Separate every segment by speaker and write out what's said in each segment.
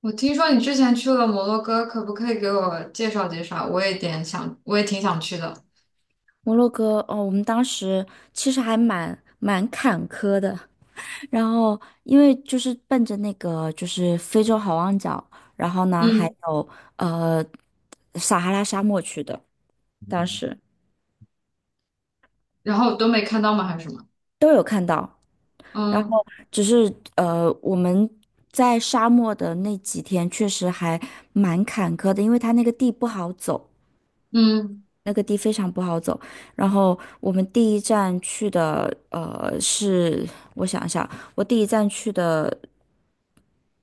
Speaker 1: 我听说你之前去了摩洛哥，可不可以给我介绍介绍？我也挺想去的。
Speaker 2: 摩洛哥哦，我们当时其实还蛮坎坷的，然后因为就是奔着那个就是非洲好望角，然后呢还
Speaker 1: 嗯。
Speaker 2: 有呃撒哈拉沙漠去的，当时
Speaker 1: 然后都没看到吗？还是什么？
Speaker 2: 都有看到，然
Speaker 1: 嗯
Speaker 2: 后只是我们在沙漠的那几天确实还蛮坎坷的，因为它那个地不好走，
Speaker 1: 嗯。
Speaker 2: 那个地非常不好走，然后我们第一站去的，是我想一下，我第一站去的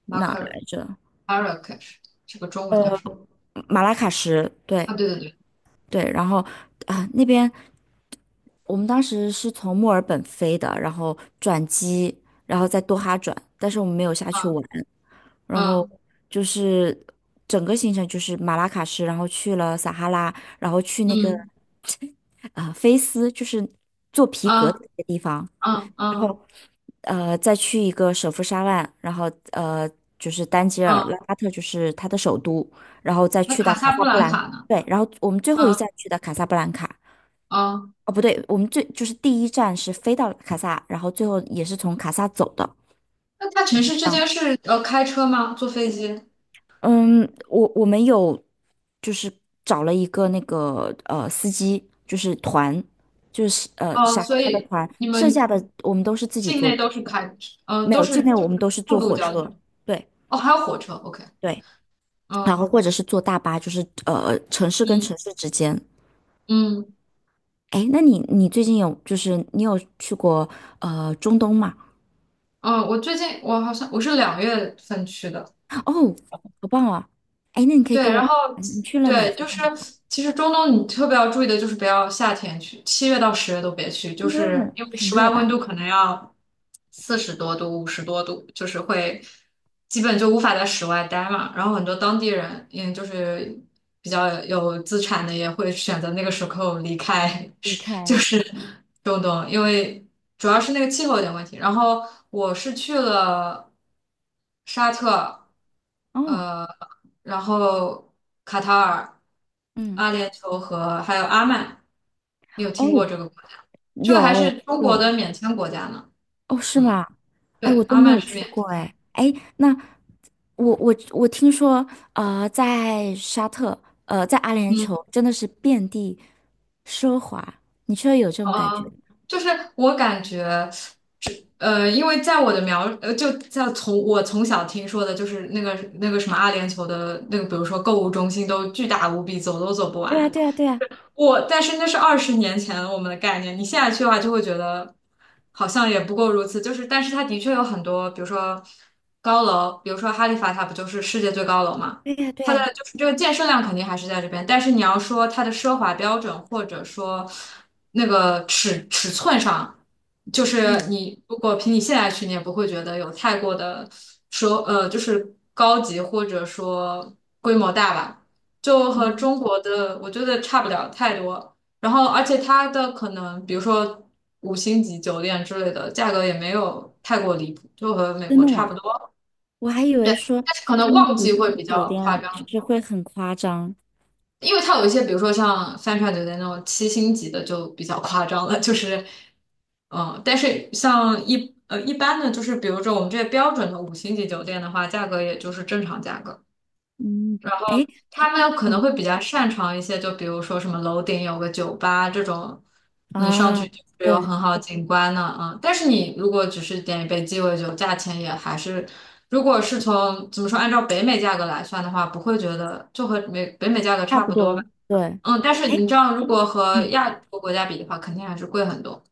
Speaker 1: 马
Speaker 2: 哪儿
Speaker 1: 可
Speaker 2: 来着？
Speaker 1: 马尔喀什，这个中文叫什么？
Speaker 2: 马拉喀什，对，
Speaker 1: 啊，对对对。
Speaker 2: 对，然后啊、那边我们当时是从墨尔本飞的，然后转机，然后在多哈转，但是我们没有下去玩，
Speaker 1: 啊。
Speaker 2: 然后
Speaker 1: 嗯
Speaker 2: 就是整个行程就是马拉喀什，然后去了撒哈拉，然后去那个
Speaker 1: 嗯
Speaker 2: 啊、菲斯，就是做皮
Speaker 1: 嗯
Speaker 2: 革的那个地方。
Speaker 1: 嗯
Speaker 2: 然
Speaker 1: 嗯
Speaker 2: 后再去一个首府沙万，然后呃就是丹吉尔，
Speaker 1: 嗯。
Speaker 2: 拉法特就是它的首都，然后再
Speaker 1: 那
Speaker 2: 去
Speaker 1: 卡
Speaker 2: 到卡
Speaker 1: 萨布
Speaker 2: 萨布
Speaker 1: 兰
Speaker 2: 兰，
Speaker 1: 卡呢？
Speaker 2: 对，然后我们最后一站
Speaker 1: 啊。
Speaker 2: 去的卡萨布兰卡，
Speaker 1: 嗯。
Speaker 2: 哦不对，我们就是第一站是飞到卡萨，然后最后也是从卡萨走的。
Speaker 1: 那它城
Speaker 2: 这
Speaker 1: 市之
Speaker 2: 样
Speaker 1: 间是开车吗？坐飞机？
Speaker 2: 嗯，我们有就是找了一个那个司机，就是团，就是
Speaker 1: 哦，
Speaker 2: 沙
Speaker 1: 所
Speaker 2: 他的
Speaker 1: 以
Speaker 2: 团，
Speaker 1: 你
Speaker 2: 剩
Speaker 1: 们
Speaker 2: 下的我们都是自己
Speaker 1: 境
Speaker 2: 坐
Speaker 1: 内
Speaker 2: 车，没
Speaker 1: 都
Speaker 2: 有，境
Speaker 1: 是
Speaker 2: 内
Speaker 1: 就
Speaker 2: 我们
Speaker 1: 是
Speaker 2: 都是
Speaker 1: 陆
Speaker 2: 坐
Speaker 1: 路
Speaker 2: 火
Speaker 1: 交通。
Speaker 2: 车。对
Speaker 1: 哦，还有火车。OK。
Speaker 2: 对，然
Speaker 1: 嗯
Speaker 2: 后或者是坐大巴，就是城市跟
Speaker 1: 嗯。
Speaker 2: 城市之间。
Speaker 1: 嗯
Speaker 2: 哎，那你最近有就是你有去过中东吗？
Speaker 1: 嗯。我最近，我好像，我是2月份去的。
Speaker 2: 哦，好棒啊！哎，那你可以
Speaker 1: 对，
Speaker 2: 跟
Speaker 1: 然
Speaker 2: 我，
Speaker 1: 后
Speaker 2: 嗯你去了哪
Speaker 1: 对。
Speaker 2: 些？
Speaker 1: 就是其实中东你特别要注意的就是不要夏天去，7月到10月都别去，就
Speaker 2: 应该会
Speaker 1: 是
Speaker 2: 很
Speaker 1: 因为
Speaker 2: 很
Speaker 1: 室外
Speaker 2: 热
Speaker 1: 温
Speaker 2: 吧？
Speaker 1: 度可能要40多度、50多度，就是会基本就无法在室外待嘛。然后很多当地人，就是比较有资产的也会选择那个时候离开。
Speaker 2: 离
Speaker 1: 就
Speaker 2: 开
Speaker 1: 是中东，因为主要是那个气候有点问题。然后我是去了沙特。
Speaker 2: 哦，
Speaker 1: 呃，然后卡塔尔、
Speaker 2: 嗯，
Speaker 1: 阿联酋和还有阿曼。你有听过
Speaker 2: 哦，
Speaker 1: 这个国家？这个还
Speaker 2: 有
Speaker 1: 是中国
Speaker 2: 有
Speaker 1: 的免签国家呢。
Speaker 2: 哦，是
Speaker 1: 嗯，
Speaker 2: 吗？哎，我
Speaker 1: 对，
Speaker 2: 都
Speaker 1: 阿
Speaker 2: 没
Speaker 1: 曼
Speaker 2: 有
Speaker 1: 是
Speaker 2: 去
Speaker 1: 免
Speaker 2: 过
Speaker 1: 签的。
Speaker 2: 哎哎，那我听说，在沙特，在阿联
Speaker 1: 嗯
Speaker 2: 酋真的是遍地奢华，你确实有这种感觉？
Speaker 1: 呃，就是我感觉。这因为在我的描，呃，就在从我从小听说的，就是那个什么阿联酋的那个，比如说购物中心都巨大无比，走都走不
Speaker 2: 对啊，
Speaker 1: 完。
Speaker 2: 对啊，对啊，
Speaker 1: 但是那是20年前我们的概念，你现在去的话就会觉得好像也不过如此。就是，但是它的确有很多，比如说高楼，比如说哈利法塔不就是世界最高楼嘛？
Speaker 2: 对啊，对
Speaker 1: 它的
Speaker 2: 啊，
Speaker 1: 就是这个建设量肯定还是在这边，但是你要说它的奢华标准或者说那个尺寸上，就是
Speaker 2: 嗯
Speaker 1: 你如果凭你现在去，你也不会觉得有太过的就是高级或者说规模大吧。就和
Speaker 2: 嗯，
Speaker 1: 中国的我觉得差不了太多。然后，而且它的可能，比如说五星级酒店之类的，价格也没有太过离谱，就和美
Speaker 2: 真
Speaker 1: 国
Speaker 2: 的
Speaker 1: 差不
Speaker 2: 吗？
Speaker 1: 多。
Speaker 2: 我还以
Speaker 1: 对，
Speaker 2: 为说
Speaker 1: 但是可
Speaker 2: 他
Speaker 1: 能
Speaker 2: 们的
Speaker 1: 旺
Speaker 2: 五
Speaker 1: 季
Speaker 2: 星
Speaker 1: 会
Speaker 2: 级
Speaker 1: 比
Speaker 2: 酒
Speaker 1: 较
Speaker 2: 店啊
Speaker 1: 夸
Speaker 2: 就
Speaker 1: 张，
Speaker 2: 是会很夸张，
Speaker 1: 因为它有一些，比如说像三船酒店那种7星级的就比较夸张了，就是，但是像一般的，就是比如说我们这些标准的五星级酒店的话，价格也就是正常价格。
Speaker 2: 嗯，哎，
Speaker 1: 他们可能
Speaker 2: 嗯
Speaker 1: 会比较擅长一些，就比如说什么楼顶有个酒吧这种，你上去
Speaker 2: 啊，
Speaker 1: 就是有
Speaker 2: 对，
Speaker 1: 很好景观的啊。嗯但是你如果只是点一杯鸡尾酒，价钱也还是，如果是从怎么说，按照北美价格来算的话，不会觉得就和北美价格
Speaker 2: 差
Speaker 1: 差
Speaker 2: 不
Speaker 1: 不多吧。
Speaker 2: 多，对，
Speaker 1: 嗯，但是你
Speaker 2: 哎，
Speaker 1: 知道，如果和
Speaker 2: 嗯，
Speaker 1: 亚洲国家比的话，肯定还是贵很多。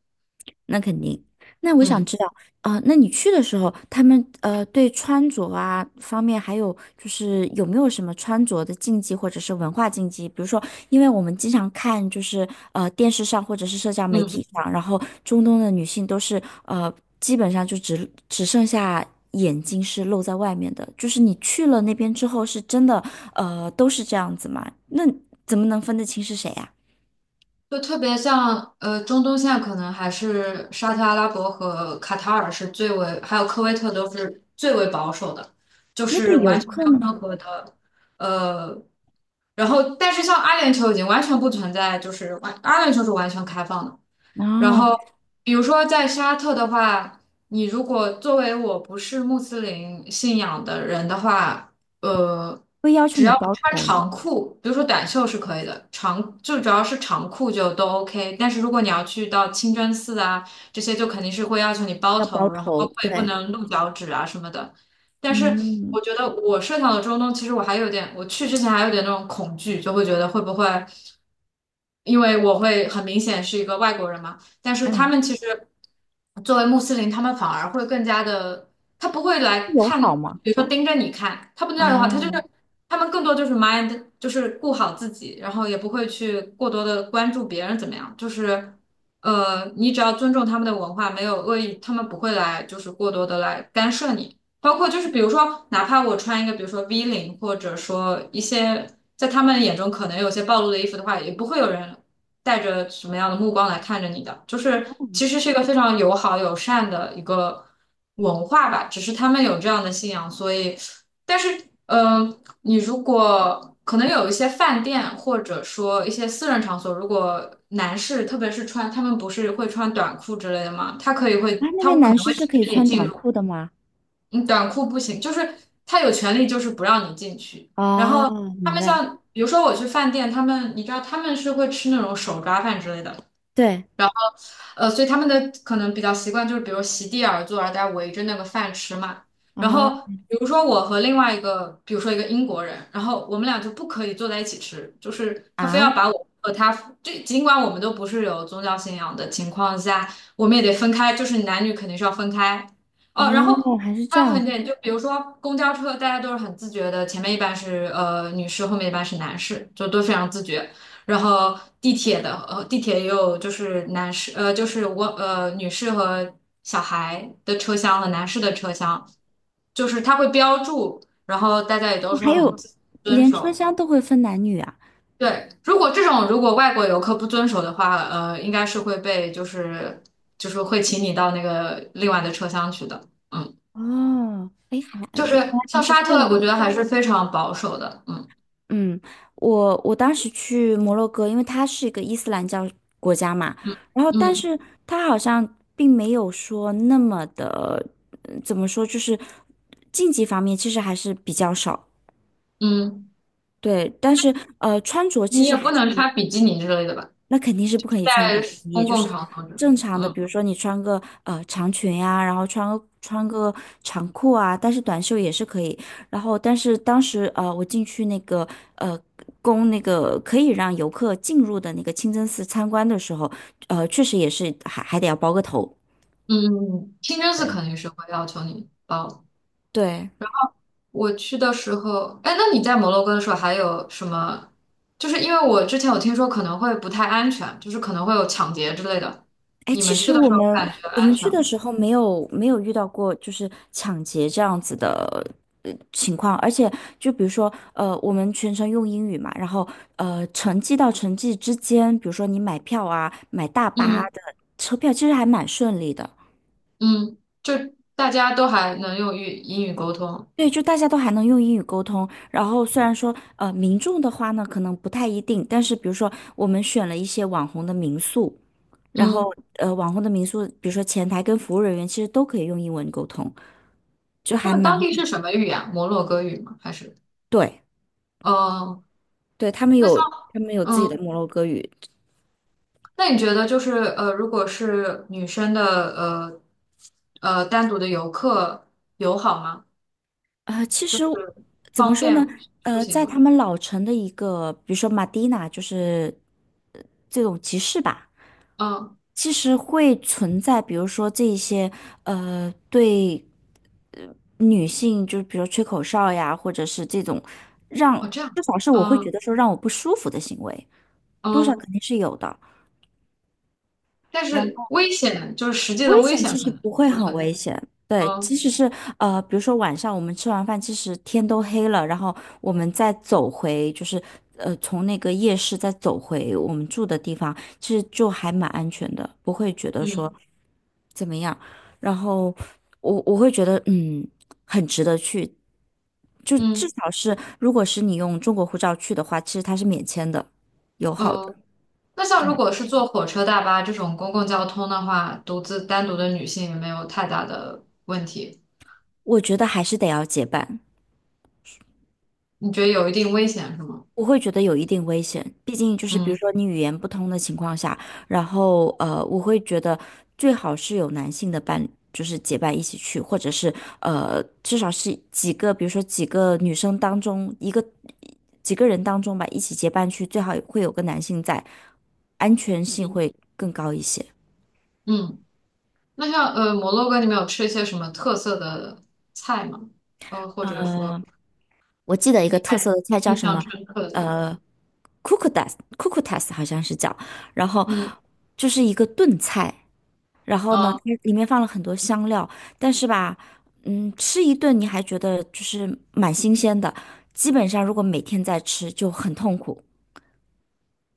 Speaker 2: 那肯定。那我想
Speaker 1: 嗯
Speaker 2: 知道，啊，那你去的时候，他们对穿着啊方面，还有就是有没有什么穿着的禁忌或者是文化禁忌？比如说，因为我们经常看就是电视上或者是社交媒
Speaker 1: 嗯。
Speaker 2: 体上，然后中东的女性都是基本上就只剩下眼睛是露在外面的。就是你去了那边之后，是真的都是这样子吗？那怎么能分得清是谁呀、
Speaker 1: 就特别像，中东现在可能还是沙特阿拉伯和卡塔尔是最为，还有科威特都是最为保守的，就
Speaker 2: 那
Speaker 1: 是
Speaker 2: 对游
Speaker 1: 完全没
Speaker 2: 客
Speaker 1: 有
Speaker 2: 呢？
Speaker 1: 任何的呃，然后但是像阿联酋已经完全不存在，就是阿联酋是完全开放的。然
Speaker 2: 哦，
Speaker 1: 后，比如说在沙特的话，你如果作为我不是穆斯林信仰的人的话，呃，
Speaker 2: 会要求
Speaker 1: 只要
Speaker 2: 你
Speaker 1: 不
Speaker 2: 包
Speaker 1: 穿
Speaker 2: 头吗？
Speaker 1: 长裤，比如说短袖是可以的，就主要是长裤就都 OK。但是如果你要去到清真寺啊，这些就肯定是会要求你包
Speaker 2: 要
Speaker 1: 头，
Speaker 2: 包
Speaker 1: 然后包
Speaker 2: 头，
Speaker 1: 括也不
Speaker 2: 对，
Speaker 1: 能露脚趾啊什么的。但是我
Speaker 2: 嗯
Speaker 1: 觉得我设想的中东，其实我还有点，我去之前还有点那种恐惧，就会觉得会不会，因为我会很明显是一个外国人嘛。但是他
Speaker 2: 嗯，
Speaker 1: 们其实作为穆斯林，他们反而会更加的，他不会来
Speaker 2: 友好
Speaker 1: 看，
Speaker 2: 嘛。
Speaker 1: 比如说盯着你看，他不那样的话，他就是
Speaker 2: 啊
Speaker 1: 他们更多就是 mind，就是顾好自己，然后也不会去过多的关注别人怎么样，就是你只要尊重他们的文化，没有恶意，他们不会来就是过多的来干涉你。包括就是比如说，哪怕我穿一个比如说 V 领，或者说一些在他们眼中可能有些暴露的衣服的话，也不会有人带着什么样的目光来看着你的，就是其实是一个非常友好友善的一个文化吧，只是他们有这样的信仰，所以，但是，嗯、你如果可能有一些饭店或者说一些私人场所，如果男士特别是穿，他们不是会穿短裤之类的吗？
Speaker 2: 啊，那
Speaker 1: 他
Speaker 2: 边
Speaker 1: 可
Speaker 2: 男
Speaker 1: 能
Speaker 2: 士
Speaker 1: 会
Speaker 2: 是
Speaker 1: 禁
Speaker 2: 可以
Speaker 1: 止你
Speaker 2: 穿
Speaker 1: 进
Speaker 2: 短
Speaker 1: 入，
Speaker 2: 裤的吗？
Speaker 1: 你短裤不行，就是他有权利就是不让你进去，然后。
Speaker 2: 哦，
Speaker 1: 他
Speaker 2: 明
Speaker 1: 们
Speaker 2: 白，
Speaker 1: 像，比如说我去饭店，他们你知道他们是会吃那种手抓饭之类的，
Speaker 2: 对
Speaker 1: 所以他们的可能比较习惯就是，比如席地而坐，然后大家围着那个饭吃嘛。然后，
Speaker 2: 哦
Speaker 1: 比如说我和另外一个，比如说一个英国人，然后我们俩就不可以坐在一起吃，就是他非
Speaker 2: 啊
Speaker 1: 要把我和他，就尽管我们都不是有宗教信仰的情况下，我们也得分开，就是男女肯定是要分开。哦，然后
Speaker 2: 哦，还是
Speaker 1: 还
Speaker 2: 这
Speaker 1: 有
Speaker 2: 样
Speaker 1: 很
Speaker 2: 子
Speaker 1: 点，就比如说公交车，大家都是很自觉的，前面一般是女士，后面一般是男士，就都非常自觉。然后地铁也有就是男士呃就是我呃女士和小孩的车厢和男士的车厢，就是它会标注，然后大家也都
Speaker 2: 哦还
Speaker 1: 说很
Speaker 2: 有，
Speaker 1: 遵
Speaker 2: 连车
Speaker 1: 守。
Speaker 2: 厢都会分男女啊？
Speaker 1: 对，如果外国游客不遵守的话，应该是会被就是会请你到那个另外的车厢去的。嗯，
Speaker 2: 哦，哎，还
Speaker 1: 就
Speaker 2: 原来
Speaker 1: 是像
Speaker 2: 还是
Speaker 1: 沙
Speaker 2: 这
Speaker 1: 特，我
Speaker 2: 样。
Speaker 1: 觉得还是非常保守的。嗯
Speaker 2: 嗯，我当时去摩洛哥，因为它是一个伊斯兰教国家嘛，
Speaker 1: 嗯
Speaker 2: 然后但
Speaker 1: 嗯
Speaker 2: 是它好像并没有说那么的，怎么说，就是竞技方面其实还是比较少，
Speaker 1: 嗯。
Speaker 2: 对，但是，穿着
Speaker 1: 你
Speaker 2: 其
Speaker 1: 也
Speaker 2: 实还
Speaker 1: 不
Speaker 2: 是
Speaker 1: 能穿比基尼之类的吧？
Speaker 2: 那肯定是不可以穿比
Speaker 1: 在
Speaker 2: 基尼，也
Speaker 1: 公
Speaker 2: 就
Speaker 1: 共
Speaker 2: 是
Speaker 1: 场合呢。
Speaker 2: 正常的，
Speaker 1: 嗯
Speaker 2: 比如说你穿个长裙呀、然后穿个长裤啊，但是短袖也是可以。然后，但是当时，我进去那个呃供那个可以让游客进入的那个清真寺参观的时候，确实也是还得要包个头。
Speaker 1: 嗯嗯。清真寺
Speaker 2: 对。
Speaker 1: 肯定是会要求你包的。
Speaker 2: 对。
Speaker 1: 我去的时候，哎，那你在摩洛哥的时候还有什么？就是因为我之前有听说可能会不太安全，就是可能会有抢劫之类的。
Speaker 2: 哎，
Speaker 1: 你
Speaker 2: 其
Speaker 1: 们去
Speaker 2: 实
Speaker 1: 的
Speaker 2: 我
Speaker 1: 时候
Speaker 2: 们
Speaker 1: 感觉
Speaker 2: 我
Speaker 1: 安
Speaker 2: 们
Speaker 1: 全
Speaker 2: 去
Speaker 1: 吗？
Speaker 2: 的时候没有遇到过就是抢劫这样子的情况，而且就比如说，我们全程用英语嘛，然后，城际到城际之间，比如说你买票啊，买大巴啊
Speaker 1: 嗯
Speaker 2: 的车票，其实还蛮顺利的。
Speaker 1: 嗯。就大家都还能用英语沟通。
Speaker 2: 对，就大家都还能用英语沟通，然后虽然说，民众的话呢，可能不太一定，但是比如说我们选了一些网红的民宿，然
Speaker 1: 嗯，
Speaker 2: 后，网红的民宿，比如说前台跟服务人员其实都可以用英文沟通。就
Speaker 1: 他
Speaker 2: 还
Speaker 1: 们
Speaker 2: 蛮
Speaker 1: 当地是什么语言？摩洛哥语吗？还是？
Speaker 2: 对
Speaker 1: 哦，
Speaker 2: 对，他们
Speaker 1: 那像。
Speaker 2: 有他们有自己的
Speaker 1: 嗯。
Speaker 2: 摩洛哥语。
Speaker 1: 那你觉得就是如果是女生的呃单独的游客友好吗？
Speaker 2: 其
Speaker 1: 就
Speaker 2: 实
Speaker 1: 是
Speaker 2: 怎么
Speaker 1: 方
Speaker 2: 说呢？
Speaker 1: 便出行
Speaker 2: 在
Speaker 1: 吗？
Speaker 2: 他们老城的一个，比如说马蒂娜，就是呃这种集市吧，
Speaker 1: 嗯。
Speaker 2: 其实会存在，比如说这一些对呃女性，就是比如吹口哨呀，或者是这种让
Speaker 1: 哦这样。
Speaker 2: 至少是我会
Speaker 1: 嗯
Speaker 2: 觉得说让我不舒服的行为，多少
Speaker 1: 嗯。
Speaker 2: 肯定是有的。
Speaker 1: 但是
Speaker 2: 然
Speaker 1: 危险，就是实际的
Speaker 2: 危
Speaker 1: 危
Speaker 2: 险
Speaker 1: 险
Speaker 2: 其
Speaker 1: 可
Speaker 2: 实
Speaker 1: 能
Speaker 2: 不会
Speaker 1: 不
Speaker 2: 很
Speaker 1: 存在。
Speaker 2: 危险，对，即
Speaker 1: 嗯
Speaker 2: 使是，比如说晚上我们吃完饭，其实天都黑了，然后我们再走回，就是，从那个夜市再走回我们住的地方，其实就还蛮安全的，不会觉得
Speaker 1: 嗯
Speaker 2: 说怎么样。然后我会觉得很值得去，就至
Speaker 1: 嗯。
Speaker 2: 少是如果是你用中国护照去的话，其实它是免签的，友好
Speaker 1: 呃，
Speaker 2: 的。
Speaker 1: 那像
Speaker 2: 对，
Speaker 1: 如果是坐火车、大巴这种公共交通的话，单独的女性也没有太大的问题。
Speaker 2: 我觉得还是得要结伴。
Speaker 1: 你觉得有一定危险是吗？
Speaker 2: 我会觉得有一定危险，毕竟就是比如
Speaker 1: 嗯
Speaker 2: 说你语言不通的情况下，然后，我会觉得最好是有男性的伴，就是结伴一起去，或者是，至少是几个，比如说几个女生当中一个几个人当中吧，一起结伴去，最好会有个男性在，安全性
Speaker 1: 嗯
Speaker 2: 会更高一些。
Speaker 1: 嗯。那像摩洛哥，你们有吃一些什么特色的菜吗？或者说
Speaker 2: 呃，我记得一个
Speaker 1: 你
Speaker 2: 特
Speaker 1: 还
Speaker 2: 色的菜叫
Speaker 1: 印
Speaker 2: 什
Speaker 1: 象
Speaker 2: 么？
Speaker 1: 深刻的？嗯
Speaker 2: 呃，cucutas 好像是叫，然后
Speaker 1: 嗯。
Speaker 2: 就是一个炖菜。然后呢，它
Speaker 1: 呃
Speaker 2: 里面放了很多香料，但是吧，吃一顿你还觉得就是蛮新鲜的，基本上如果每天在吃就很痛苦。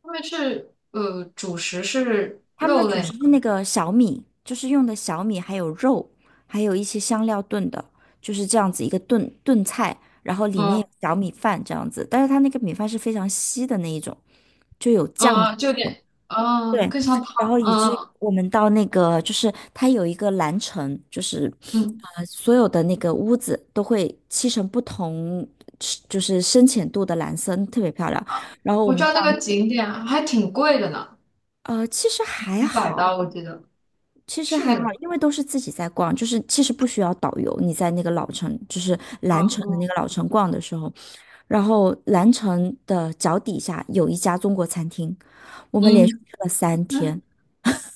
Speaker 1: 他们是主食是
Speaker 2: 他们的
Speaker 1: 肉
Speaker 2: 主
Speaker 1: 类嘛？
Speaker 2: 食是那个小米，就是用的小米，还有肉，还有一些香料炖的，就是这样子一个炖菜，然后里面
Speaker 1: 嗯
Speaker 2: 有小米饭这样子，但是它那个米饭是非常稀的那一种，就有酱的
Speaker 1: 嗯，就有
Speaker 2: 那种。
Speaker 1: 点
Speaker 2: 对，
Speaker 1: 更像汤。
Speaker 2: 然后以至于
Speaker 1: 嗯
Speaker 2: 我们到那个，就是它有一个蓝城，就是，
Speaker 1: 嗯。
Speaker 2: 所有的那个屋子都会漆成不同，就是深浅度的蓝色，特别漂亮。然后我
Speaker 1: 我知
Speaker 2: 们
Speaker 1: 道那
Speaker 2: 到，
Speaker 1: 个景点啊还挺贵的呢，
Speaker 2: 其实还
Speaker 1: 几百刀
Speaker 2: 好，
Speaker 1: 我记得是那个吗？
Speaker 2: 因为都是自己在逛，就是其实不需要导游。你在那个老城，就是蓝城的
Speaker 1: 嗯
Speaker 2: 那个老城逛的时候，然后蓝城的脚底下有一家中国餐厅，我们连
Speaker 1: 嗯
Speaker 2: 续去了三
Speaker 1: 嗯。
Speaker 2: 天。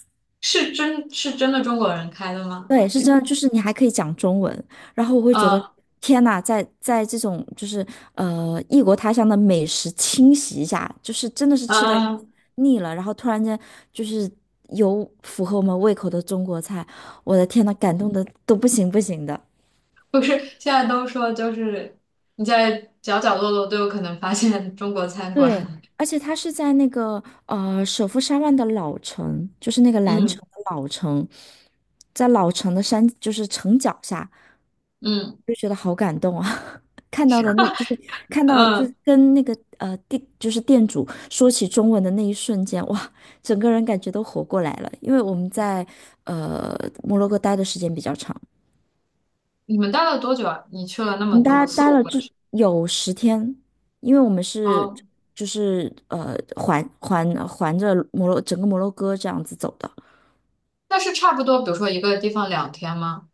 Speaker 1: 是真的中国人开的吗？
Speaker 2: 对，是真的，就是你还可以讲中文，然后我会觉得，
Speaker 1: 啊。
Speaker 2: 天呐，在这种就是异国他乡的美食侵袭下，就是真的是吃的
Speaker 1: 啊。
Speaker 2: 腻了，然后突然间就是有符合我们胃口的中国菜，我的天呐，感动的都不行不行的。
Speaker 1: 不是，现在都说就是你在角角落落都有可能发现中国餐
Speaker 2: 对，
Speaker 1: 馆。
Speaker 2: 而且他是在那个首富山万的老城，就是那个蓝
Speaker 1: 嗯
Speaker 2: 城的老城，在老城的山就是城脚下，
Speaker 1: 嗯
Speaker 2: 就觉得好感动啊。看到的那，就是看到就
Speaker 1: 嗯。
Speaker 2: 是跟那个店就是店主说起中文的那一瞬间，哇，整个人感觉都活过来了。因为我们在呃摩洛哥待的时间比较长，
Speaker 1: 你们待了多久啊？你去了那
Speaker 2: 我
Speaker 1: 么
Speaker 2: 们
Speaker 1: 多，
Speaker 2: 待
Speaker 1: 四
Speaker 2: 待
Speaker 1: 五
Speaker 2: 了
Speaker 1: 个城
Speaker 2: 就
Speaker 1: 市。
Speaker 2: 有10天，因为我们是
Speaker 1: 哦，
Speaker 2: 就是环着整个摩洛哥这样子走的，
Speaker 1: 那是差不多，比如说一个地方2天吗？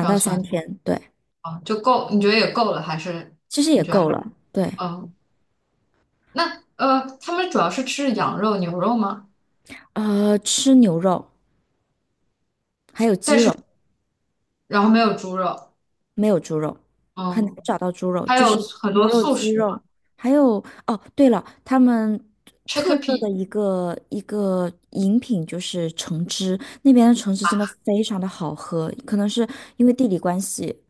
Speaker 1: 这样
Speaker 2: 到三
Speaker 1: 算。
Speaker 2: 天，对，
Speaker 1: 哦，就够？你觉得也够了，还是
Speaker 2: 其实
Speaker 1: 你
Speaker 2: 也
Speaker 1: 觉得还？
Speaker 2: 够了，对，
Speaker 1: 嗯。那他们主要是吃羊肉、牛肉吗？
Speaker 2: 吃牛肉还有鸡肉。
Speaker 1: 然后没有猪肉，
Speaker 2: 没有猪肉，很难
Speaker 1: 嗯，
Speaker 2: 找到猪肉，
Speaker 1: 还
Speaker 2: 就
Speaker 1: 有
Speaker 2: 是
Speaker 1: 很
Speaker 2: 牛
Speaker 1: 多
Speaker 2: 肉、
Speaker 1: 素
Speaker 2: 鸡
Speaker 1: 食
Speaker 2: 肉，
Speaker 1: 嘛
Speaker 2: 还有哦，对了，他们特色
Speaker 1: ，chickpea，
Speaker 2: 的一个饮品就是橙汁，那边的橙汁真的非常的好喝，可能是因为地理关系，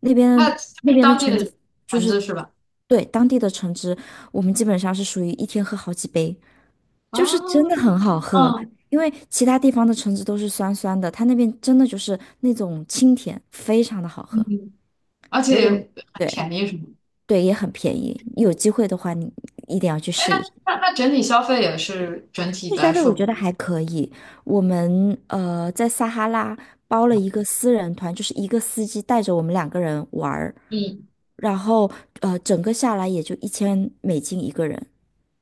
Speaker 2: 那边
Speaker 1: 那是
Speaker 2: 那边的
Speaker 1: 当地
Speaker 2: 橙
Speaker 1: 的
Speaker 2: 子就
Speaker 1: 盘
Speaker 2: 是
Speaker 1: 子是吧？
Speaker 2: 对当地的橙汁，我们基本上是属于一天喝好几杯，就是真的
Speaker 1: 啊。
Speaker 2: 很好喝。
Speaker 1: 嗯。
Speaker 2: 因为其他地方的橙汁都是酸酸的，它那边真的就是那种清甜，非常的好喝。
Speaker 1: 嗯而
Speaker 2: 如果
Speaker 1: 且
Speaker 2: 你
Speaker 1: 很
Speaker 2: 对
Speaker 1: 便宜什么的。
Speaker 2: 对也很便宜，有机会的话你一定要去试一试。
Speaker 1: 那整体消费也是整体
Speaker 2: 那
Speaker 1: 来
Speaker 2: 消费
Speaker 1: 说
Speaker 2: 我觉
Speaker 1: 不
Speaker 2: 得还可以，我们在撒哈拉包了一个私人团，就是一个司机带着我们两个人玩儿，
Speaker 1: 嗯
Speaker 2: 然后整个下来也就1000美金一个人。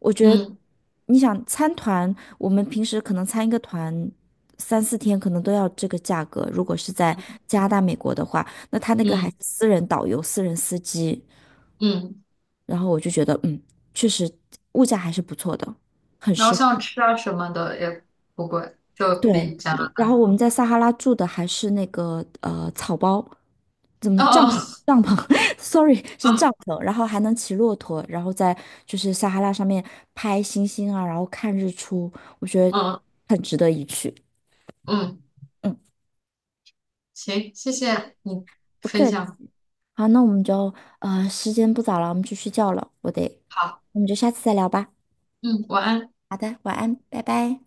Speaker 2: 我觉得
Speaker 1: 嗯
Speaker 2: 你想参团，我们平时可能参一个团。3、4天可能都要这个价格，如果是在加拿大、美国的话，那他那个还
Speaker 1: 嗯
Speaker 2: 是私人导游、私人司机。
Speaker 1: 嗯。
Speaker 2: 然后我就觉得，嗯，确实物价还是不错的。
Speaker 1: 然后像吃啊什么的也不贵，就
Speaker 2: 对，
Speaker 1: 比加拿
Speaker 2: 然后我们在撒哈拉住的还是那个草包，怎么
Speaker 1: 大。
Speaker 2: 帐篷？
Speaker 1: 嗯
Speaker 2: 帐篷 ，sorry，是
Speaker 1: 嗯
Speaker 2: 帐篷，然后还能骑骆驼，然后在就是撒哈拉上面拍星星啊，然后看日出，我觉得
Speaker 1: 嗯
Speaker 2: 很值得一去。
Speaker 1: 嗯。
Speaker 2: 嗯，
Speaker 1: 行，谢谢你
Speaker 2: 不
Speaker 1: 分
Speaker 2: 客气。
Speaker 1: 享，
Speaker 2: 好，那我们就时间不早了，我们去睡觉了，我得，
Speaker 1: 好。
Speaker 2: 我们就下次再聊吧。
Speaker 1: 嗯，晚安。
Speaker 2: 好的，晚安，拜拜。